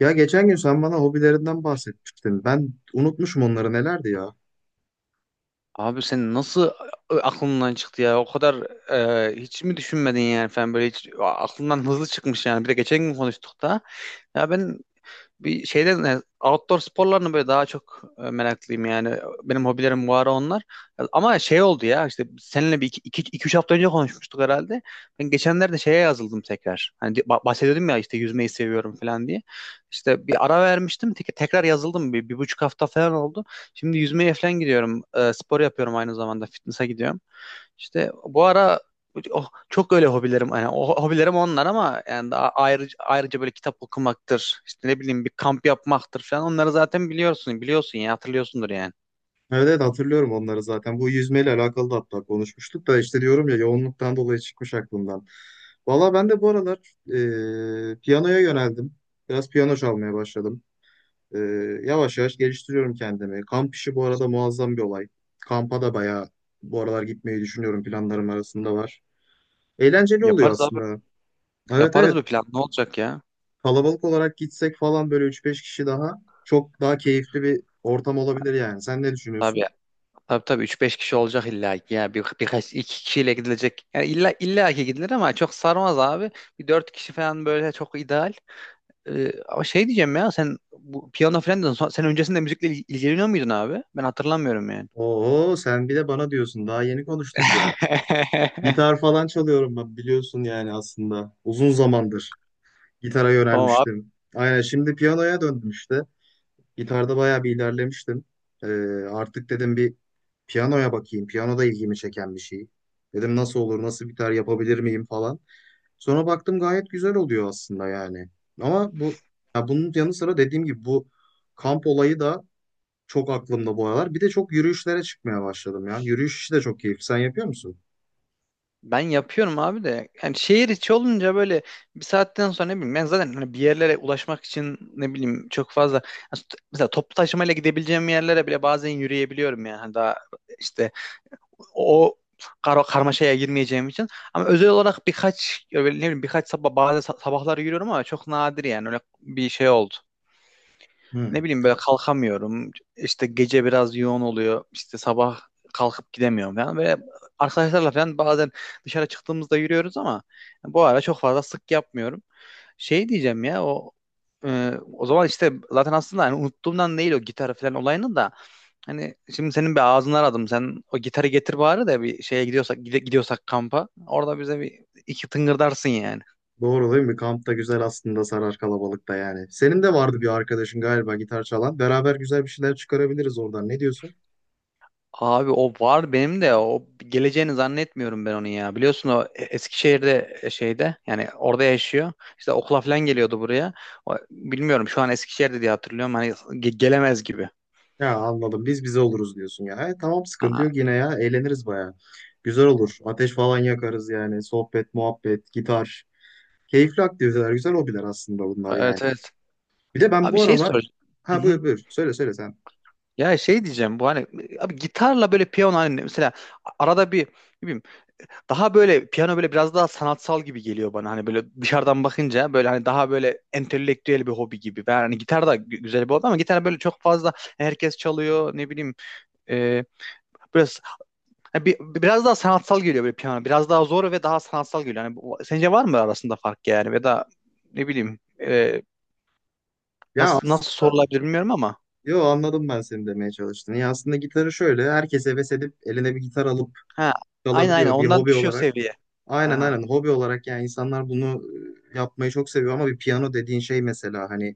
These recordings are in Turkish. Ya geçen gün sen bana hobilerinden bahsetmiştin. Ben unutmuşum onları nelerdi ya. Abi sen nasıl aklından çıktı ya? O kadar hiç mi düşünmedin yani falan böyle hiç aklından hızlı çıkmış yani. Bir de geçen gün konuştuk da. Ya ben bir şeyden yani outdoor sporlarını böyle daha çok meraklıyım yani. Benim hobilerim bu ara onlar. Ama şey oldu ya işte seninle bir iki üç hafta önce konuşmuştuk herhalde. Ben geçenlerde şeye yazıldım tekrar. Hani bahsediyordum ya işte yüzmeyi seviyorum falan diye. İşte bir ara vermiştim. Tekrar yazıldım. Bir, bir buçuk hafta falan oldu. Şimdi yüzmeye falan gidiyorum. Spor yapıyorum aynı zamanda. Fitness'a gidiyorum. İşte bu ara oh, çok öyle hobilerim yani o hobilerim onlar ama yani daha ayrıca böyle kitap okumaktır işte ne bileyim bir kamp yapmaktır falan onları zaten biliyorsun ya hatırlıyorsundur yani. Evet evet, hatırlıyorum onları zaten. Bu yüzmeyle alakalı da hatta konuşmuştuk da işte diyorum ya, yoğunluktan dolayı çıkmış aklımdan. Valla ben de bu aralar piyanoya yöneldim. Biraz piyano çalmaya başladım. E, yavaş yavaş geliştiriyorum kendimi. Kamp işi bu arada muazzam bir olay. Kampa da bayağı bu aralar gitmeyi düşünüyorum, planlarım arasında var. Eğlenceli oluyor Yaparız abi, aslında. Evet, yaparız evet. bir plan, ne olacak ya? Kalabalık olarak gitsek falan, böyle üç beş kişi, daha çok daha keyifli bir ortam olabilir yani. Sen ne Tabii, düşünüyorsun? tabii, tabii, üç beş kişi olacak illa ki ya birkaç iki kişiyle gidilecek. Yani illa ki gidilir ama çok sarmaz abi. Bir 4 kişi falan böyle çok ideal. Ama şey diyeceğim ya sen bu piyano falan dedin. Sen öncesinde müzikle ilgileniyor muydun abi? Ben hatırlamıyorum yani. Oo, sen bir de bana diyorsun. Daha yeni konuştuk ya. Gitar falan çalıyorum ben, biliyorsun yani aslında. Uzun zamandır gitara Tamam abi. yönelmiştim. Aynen, şimdi piyanoya döndüm işte. Gitarda bayağı bir ilerlemiştim. Ee, artık dedim bir piyanoya bakayım. Piyano da ilgimi çeken bir şey. Dedim nasıl olur, nasıl gitar yapabilir miyim falan. Sonra baktım gayet güzel oluyor aslında yani. Ama bu, ya bunun yanı sıra dediğim gibi bu kamp olayı da çok aklımda bu aralar. Bir de çok yürüyüşlere çıkmaya başladım ya. Yürüyüş işi de çok keyifli. Sen yapıyor musun? Ben yapıyorum abi de. Yani şehir içi olunca böyle bir saatten sonra ne bileyim, ben zaten hani bir yerlere ulaşmak için ne bileyim çok fazla. Yani mesela toplu taşımayla gidebileceğim yerlere bile bazen yürüyebiliyorum yani. Hani daha işte o karmaşaya girmeyeceğim için. Ama özel olarak birkaç, ya böyle ne bileyim birkaç sabah, bazı sabahlar yürüyorum ama çok nadir yani, öyle bir şey oldu. Hı. Ne bileyim, böyle kalkamıyorum. İşte gece biraz yoğun oluyor. İşte sabah kalkıp gidemiyorum falan. Ve arkadaşlarla falan bazen dışarı çıktığımızda yürüyoruz ama bu ara çok fazla sık yapmıyorum. Şey diyeceğim ya, o zaman işte zaten aslında hani unuttuğumdan değil o gitar falan olayını da, hani şimdi senin bir ağzını aradım. Sen o gitarı getir bari de bir şeye gidiyorsak, gidiyorsak kampa, orada bize bir iki tıngırdarsın yani. Doğru değil mi? Kamp da güzel aslında, sarar kalabalıkta yani. Senin de vardı bir arkadaşın galiba, gitar çalan. Beraber güzel bir şeyler çıkarabiliriz oradan. Ne diyorsun? Abi o var benim de, o geleceğini zannetmiyorum ben onun ya. Biliyorsun o Eskişehir'de, şeyde yani orada yaşıyor. İşte okula falan geliyordu buraya. Bilmiyorum şu an Eskişehir'de diye hatırlıyorum. Hani gelemez gibi. Ya anladım. Biz bize oluruz diyorsun ya. E, tamam, sıkıntı Aha, yok yine ya. Eğleniriz bayağı. Güzel olur. Ateş falan yakarız yani. Sohbet, muhabbet, gitar. Keyifli aktiviteler, güzel hobiler aslında bunlar yani. evet, evet. Bir de ben Abi bu şey aralar... soracağım. Ha, Hı hı. buyur buyur. Söyle söyle sen. Ya şey diyeceğim, bu hani, abi gitarla böyle piyano, hani mesela arada bir ne bileyim. Daha böyle piyano böyle biraz daha sanatsal gibi geliyor bana. Hani böyle dışarıdan bakınca böyle hani daha böyle entelektüel bir hobi gibi. Ben hani gitar da güzel bir hobi ama gitar böyle çok fazla herkes çalıyor, ne bileyim. E, Biraz hani, biraz daha sanatsal geliyor böyle piyano. Biraz daha zor ve daha sanatsal geliyor. Hani sence var mı arasında fark yani, ya da ne bileyim, Ya nasıl aslında... sorulabilir bilmiyorum ama. Yo, anladım ben seni, demeye çalıştığını. Ya aslında gitarı şöyle, herkes heves edip eline bir gitar alıp Ha, aynen aynen, çalabiliyor bir ondan hobi düşüyor olarak. seviye. Aynen Aha. aynen, hobi olarak yani insanlar bunu yapmayı çok seviyor ama bir piyano dediğin şey mesela, hani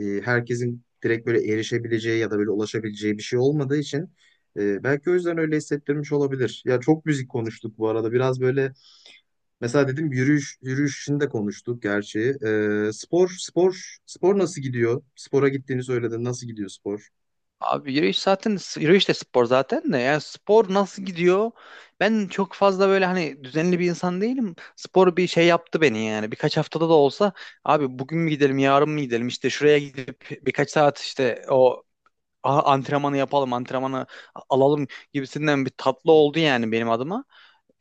herkesin direkt böyle erişebileceği ya da böyle ulaşabileceği bir şey olmadığı için belki o yüzden öyle hissettirmiş olabilir. Ya çok müzik konuştuk bu arada, biraz böyle. Mesela dedim yürüyüş, yürüyüşünü de konuştuk gerçi. Spor spor nasıl gidiyor? Spora gittiğini söyledin. Nasıl gidiyor spor? Abi yürüyüş zaten, yürüyüş de spor zaten de, yani spor nasıl gidiyor? Ben çok fazla böyle hani düzenli bir insan değilim. Spor bir şey yaptı beni yani. Birkaç haftada da olsa, abi bugün mü gidelim, yarın mı gidelim? İşte şuraya gidip birkaç saat işte o antrenmanı yapalım, antrenmanı alalım gibisinden bir tatlı oldu yani benim adıma.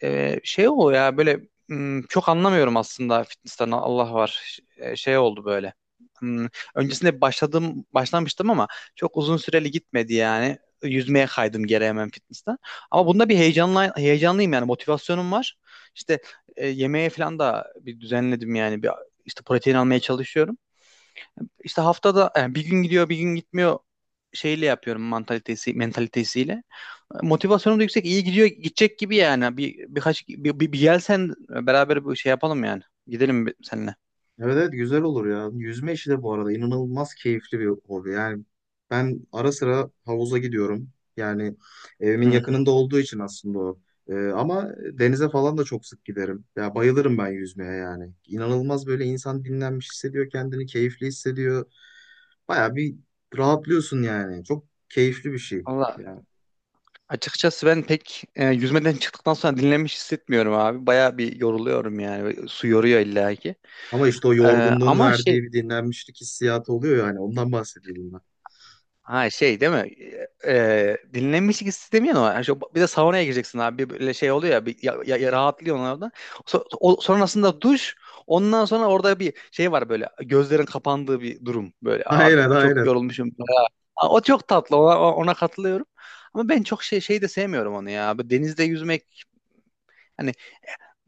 Şey o ya böyle, çok anlamıyorum aslında fitness'ten, Allah var. Şey oldu böyle. Hmm, öncesinde başlamıştım ama çok uzun süreli gitmedi yani. Yüzmeye kaydım geri hemen fitness'ten. Ama bunda bir heyecanlıyım yani, motivasyonum var. İşte yemeğe falan da bir düzenledim yani, bir işte protein almaya çalışıyorum. İşte haftada yani bir gün gidiyor bir gün gitmiyor, şeyle yapıyorum mentalitesiyle. Motivasyonum da yüksek. İyi gidiyor, gidecek gibi yani. Birkaç bir, bir, bir gel sen, beraber bir şey yapalım yani. Gidelim seninle. Evet evet, güzel olur ya. Yüzme işi de bu arada inanılmaz keyifli bir hobi. Yani ben ara sıra havuza gidiyorum. Yani evimin Hı. yakınında olduğu için aslında o. Ama denize falan da çok sık giderim. Ya bayılırım ben yüzmeye yani. İnanılmaz, böyle insan dinlenmiş hissediyor kendini, keyifli hissediyor. Baya bir rahatlıyorsun yani. Çok keyifli bir şey. Valla Yani. açıkçası ben pek yüzmeden çıktıktan sonra dinlenmiş hissetmiyorum abi. Baya bir yoruluyorum yani. Su yoruyor illa ki. Ama işte o E, yorgunluğun Ama şey. verdiği bir dinlenmişlik hissiyatı oluyor yani. Ondan bahsediyordum ben. Ha, şey değil mi? Dinlenmişlik istemiyor ama yani bir de saunaya gireceksin abi, bir böyle şey oluyor ya, bir rahatlıyorsun orada. Sonrasında duş, ondan sonra orada bir şey var böyle gözlerin kapandığı bir durum, böyle Aynen abi çok aynen. yorulmuşum. Ya, o çok tatlı, ona katılıyorum. Ama ben çok şey de sevmiyorum onu ya. Böyle denizde yüzmek hani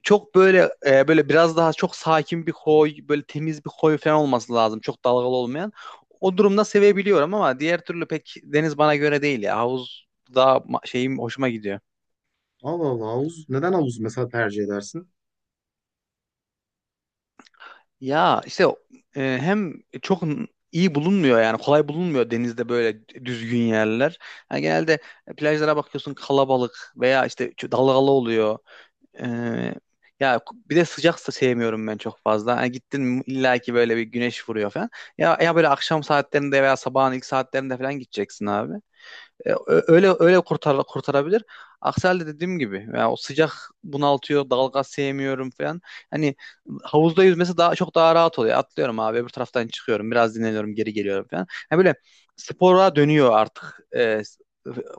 çok böyle böyle biraz daha çok sakin bir koy, böyle temiz bir koy falan olması lazım. Çok dalgalı olmayan. O durumda sevebiliyorum ama diğer türlü pek deniz bana göre değil ya. Havuz daha şeyim hoşuma gidiyor. Allah Allah, havuz. Neden havuz mesela tercih edersin? Ya işte hem çok iyi bulunmuyor yani, kolay bulunmuyor denizde böyle düzgün yerler. Yani genelde plajlara bakıyorsun kalabalık, veya işte çok dalgalı oluyor. Ee, Ya bir de sıcak da sevmiyorum ben çok fazla. Hani gittin mi illa ki böyle bir güneş vuruyor falan. Ya böyle akşam saatlerinde veya sabahın ilk saatlerinde falan gideceksin abi. Öyle öyle kurtarabilir. Aksi halde dediğim gibi yani, o sıcak bunaltıyor, dalga sevmiyorum falan. Hani havuzda yüzmesi daha çok daha rahat oluyor. Atlıyorum abi öbür taraftan çıkıyorum, biraz dinleniyorum, geri geliyorum falan. Yani böyle spora dönüyor artık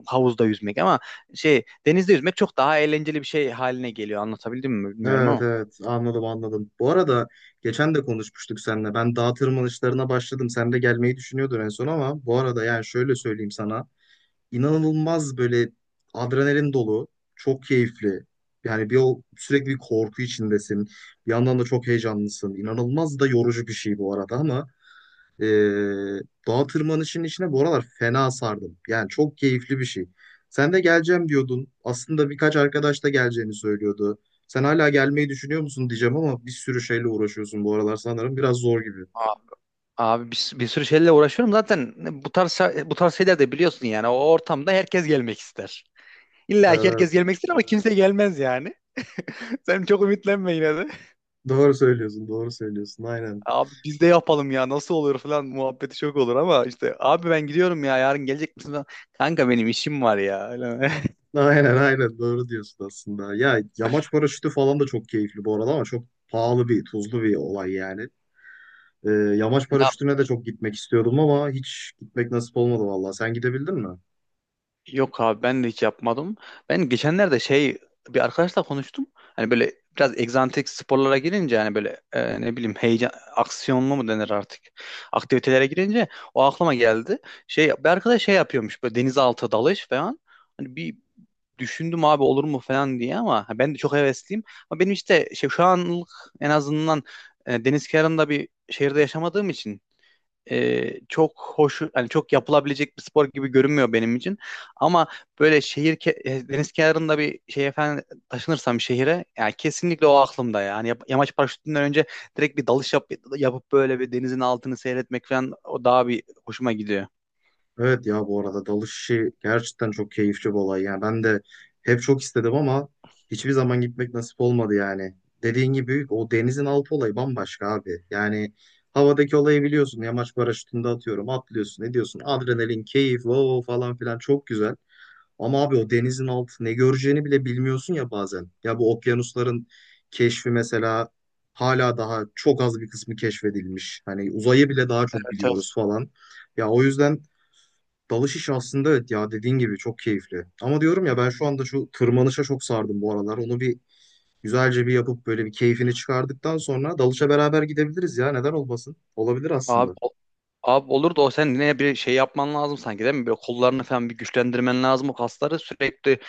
havuzda yüzmek, ama şey denizde yüzmek çok daha eğlenceli bir şey haline geliyor. Anlatabildim mi bilmiyorum Evet ama. evet, anladım anladım. Bu arada geçen de konuşmuştuk seninle. Ben dağ tırmanışlarına başladım. Sen de gelmeyi düşünüyordun en son, ama bu arada yani şöyle söyleyeyim sana. İnanılmaz böyle adrenalin dolu. Çok keyifli. Yani bir, o sürekli bir korku içindesin. Bir yandan da çok heyecanlısın. İnanılmaz da yorucu bir şey bu arada, ama Ee, dağ tırmanışının içine bu aralar fena sardım. Yani çok keyifli bir şey. Sen de geleceğim diyordun. Aslında birkaç arkadaş da geleceğini söylüyordu. Sen hala gelmeyi düşünüyor musun diyeceğim, ama bir sürü şeyle uğraşıyorsun bu aralar sanırım. Biraz zor gibi. A- Abi, bir sürü şeylerle uğraşıyorum zaten, bu tarz bu tarz şeyler de biliyorsun yani, o ortamda herkes gelmek ister. İlla ki herkes Evet. gelmek ister ama kimse gelmez yani. Sen çok ümitlenme yine de. Doğru söylüyorsun, doğru söylüyorsun. Aynen. Abi biz de yapalım ya, nasıl olur falan muhabbeti çok olur ama işte, abi ben gidiyorum ya yarın gelecek misin falan. Kanka benim işim var ya. Öyle mi? Aynen aynen. Doğru diyorsun aslında. Ya yamaç paraşütü falan da çok keyifli bu arada, ama çok pahalı bir, tuzlu bir olay yani. Yamaç paraşütüne de çok gitmek istiyordum ama hiç gitmek nasip olmadı vallahi. Sen gidebildin mi? Yok abi, ben de hiç yapmadım. Ben geçenlerde şey, bir arkadaşla konuştum. Hani böyle biraz egzantrik sporlara girince, hani böyle ne bileyim heyecan aksiyonlu mu denir artık aktivitelere girince, o aklıma geldi. Şey, bir arkadaş şey yapıyormuş böyle, denizaltı dalış falan. Hani bir düşündüm abi, olur mu falan diye, ama ben de çok hevesliyim. Ama benim işte şey, şu anlık en azından deniz kenarında bir şehirde yaşamadığım için çok hoş, hani çok yapılabilecek bir spor gibi görünmüyor benim için. Ama böyle deniz kenarında bir şey efendim, taşınırsam bir şehire yani, kesinlikle o aklımda ya. Yani yamaç paraşütünden önce direkt bir dalış yapıp böyle, bir denizin altını seyretmek falan, o daha bir hoşuma gidiyor. Evet ya, bu arada dalış işi gerçekten çok keyifli bir olay. Yani ben de hep çok istedim ama hiçbir zaman gitmek nasip olmadı yani. Dediğin gibi, büyük, o denizin altı olayı bambaşka abi. Yani havadaki olayı biliyorsun. Yamaç paraşütünde atıyorum, atlıyorsun, ediyorsun. Adrenalin, keyif, wow wow falan filan, çok güzel. Ama abi, o denizin altı ne göreceğini bile bilmiyorsun ya bazen. Ya bu okyanusların keşfi mesela, hala daha çok az bir kısmı keşfedilmiş. Hani uzayı bile daha çok Evet, evet. biliyoruz falan. Ya o yüzden dalış işi aslında, evet ya dediğin gibi çok keyifli. Ama diyorum ya, ben şu anda şu tırmanışa çok sardım bu aralar. Onu bir güzelce bir yapıp böyle bir keyfini çıkardıktan sonra dalışa beraber gidebiliriz ya, neden olmasın? Olabilir Abi, aslında. o- Abi olur da o, sen yine bir şey yapman lazım sanki değil mi? Böyle kollarını falan bir güçlendirmen lazım, o kasları sürekli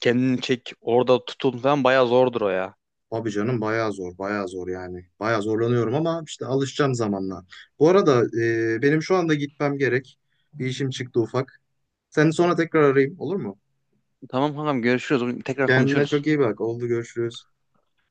kendini çek orada, tutun falan bayağı zordur o ya. Abi canım, bayağı zor bayağı zor yani. Bayağı zorlanıyorum ama işte alışacağım zamanla. Bu arada benim şu anda gitmem gerek. Bir işim çıktı ufak. Seni sonra tekrar arayayım, olur mu? Tamam kankam, görüşürüz. Tekrar Kendine çok konuşuruz. iyi bak. Oldu, görüşürüz.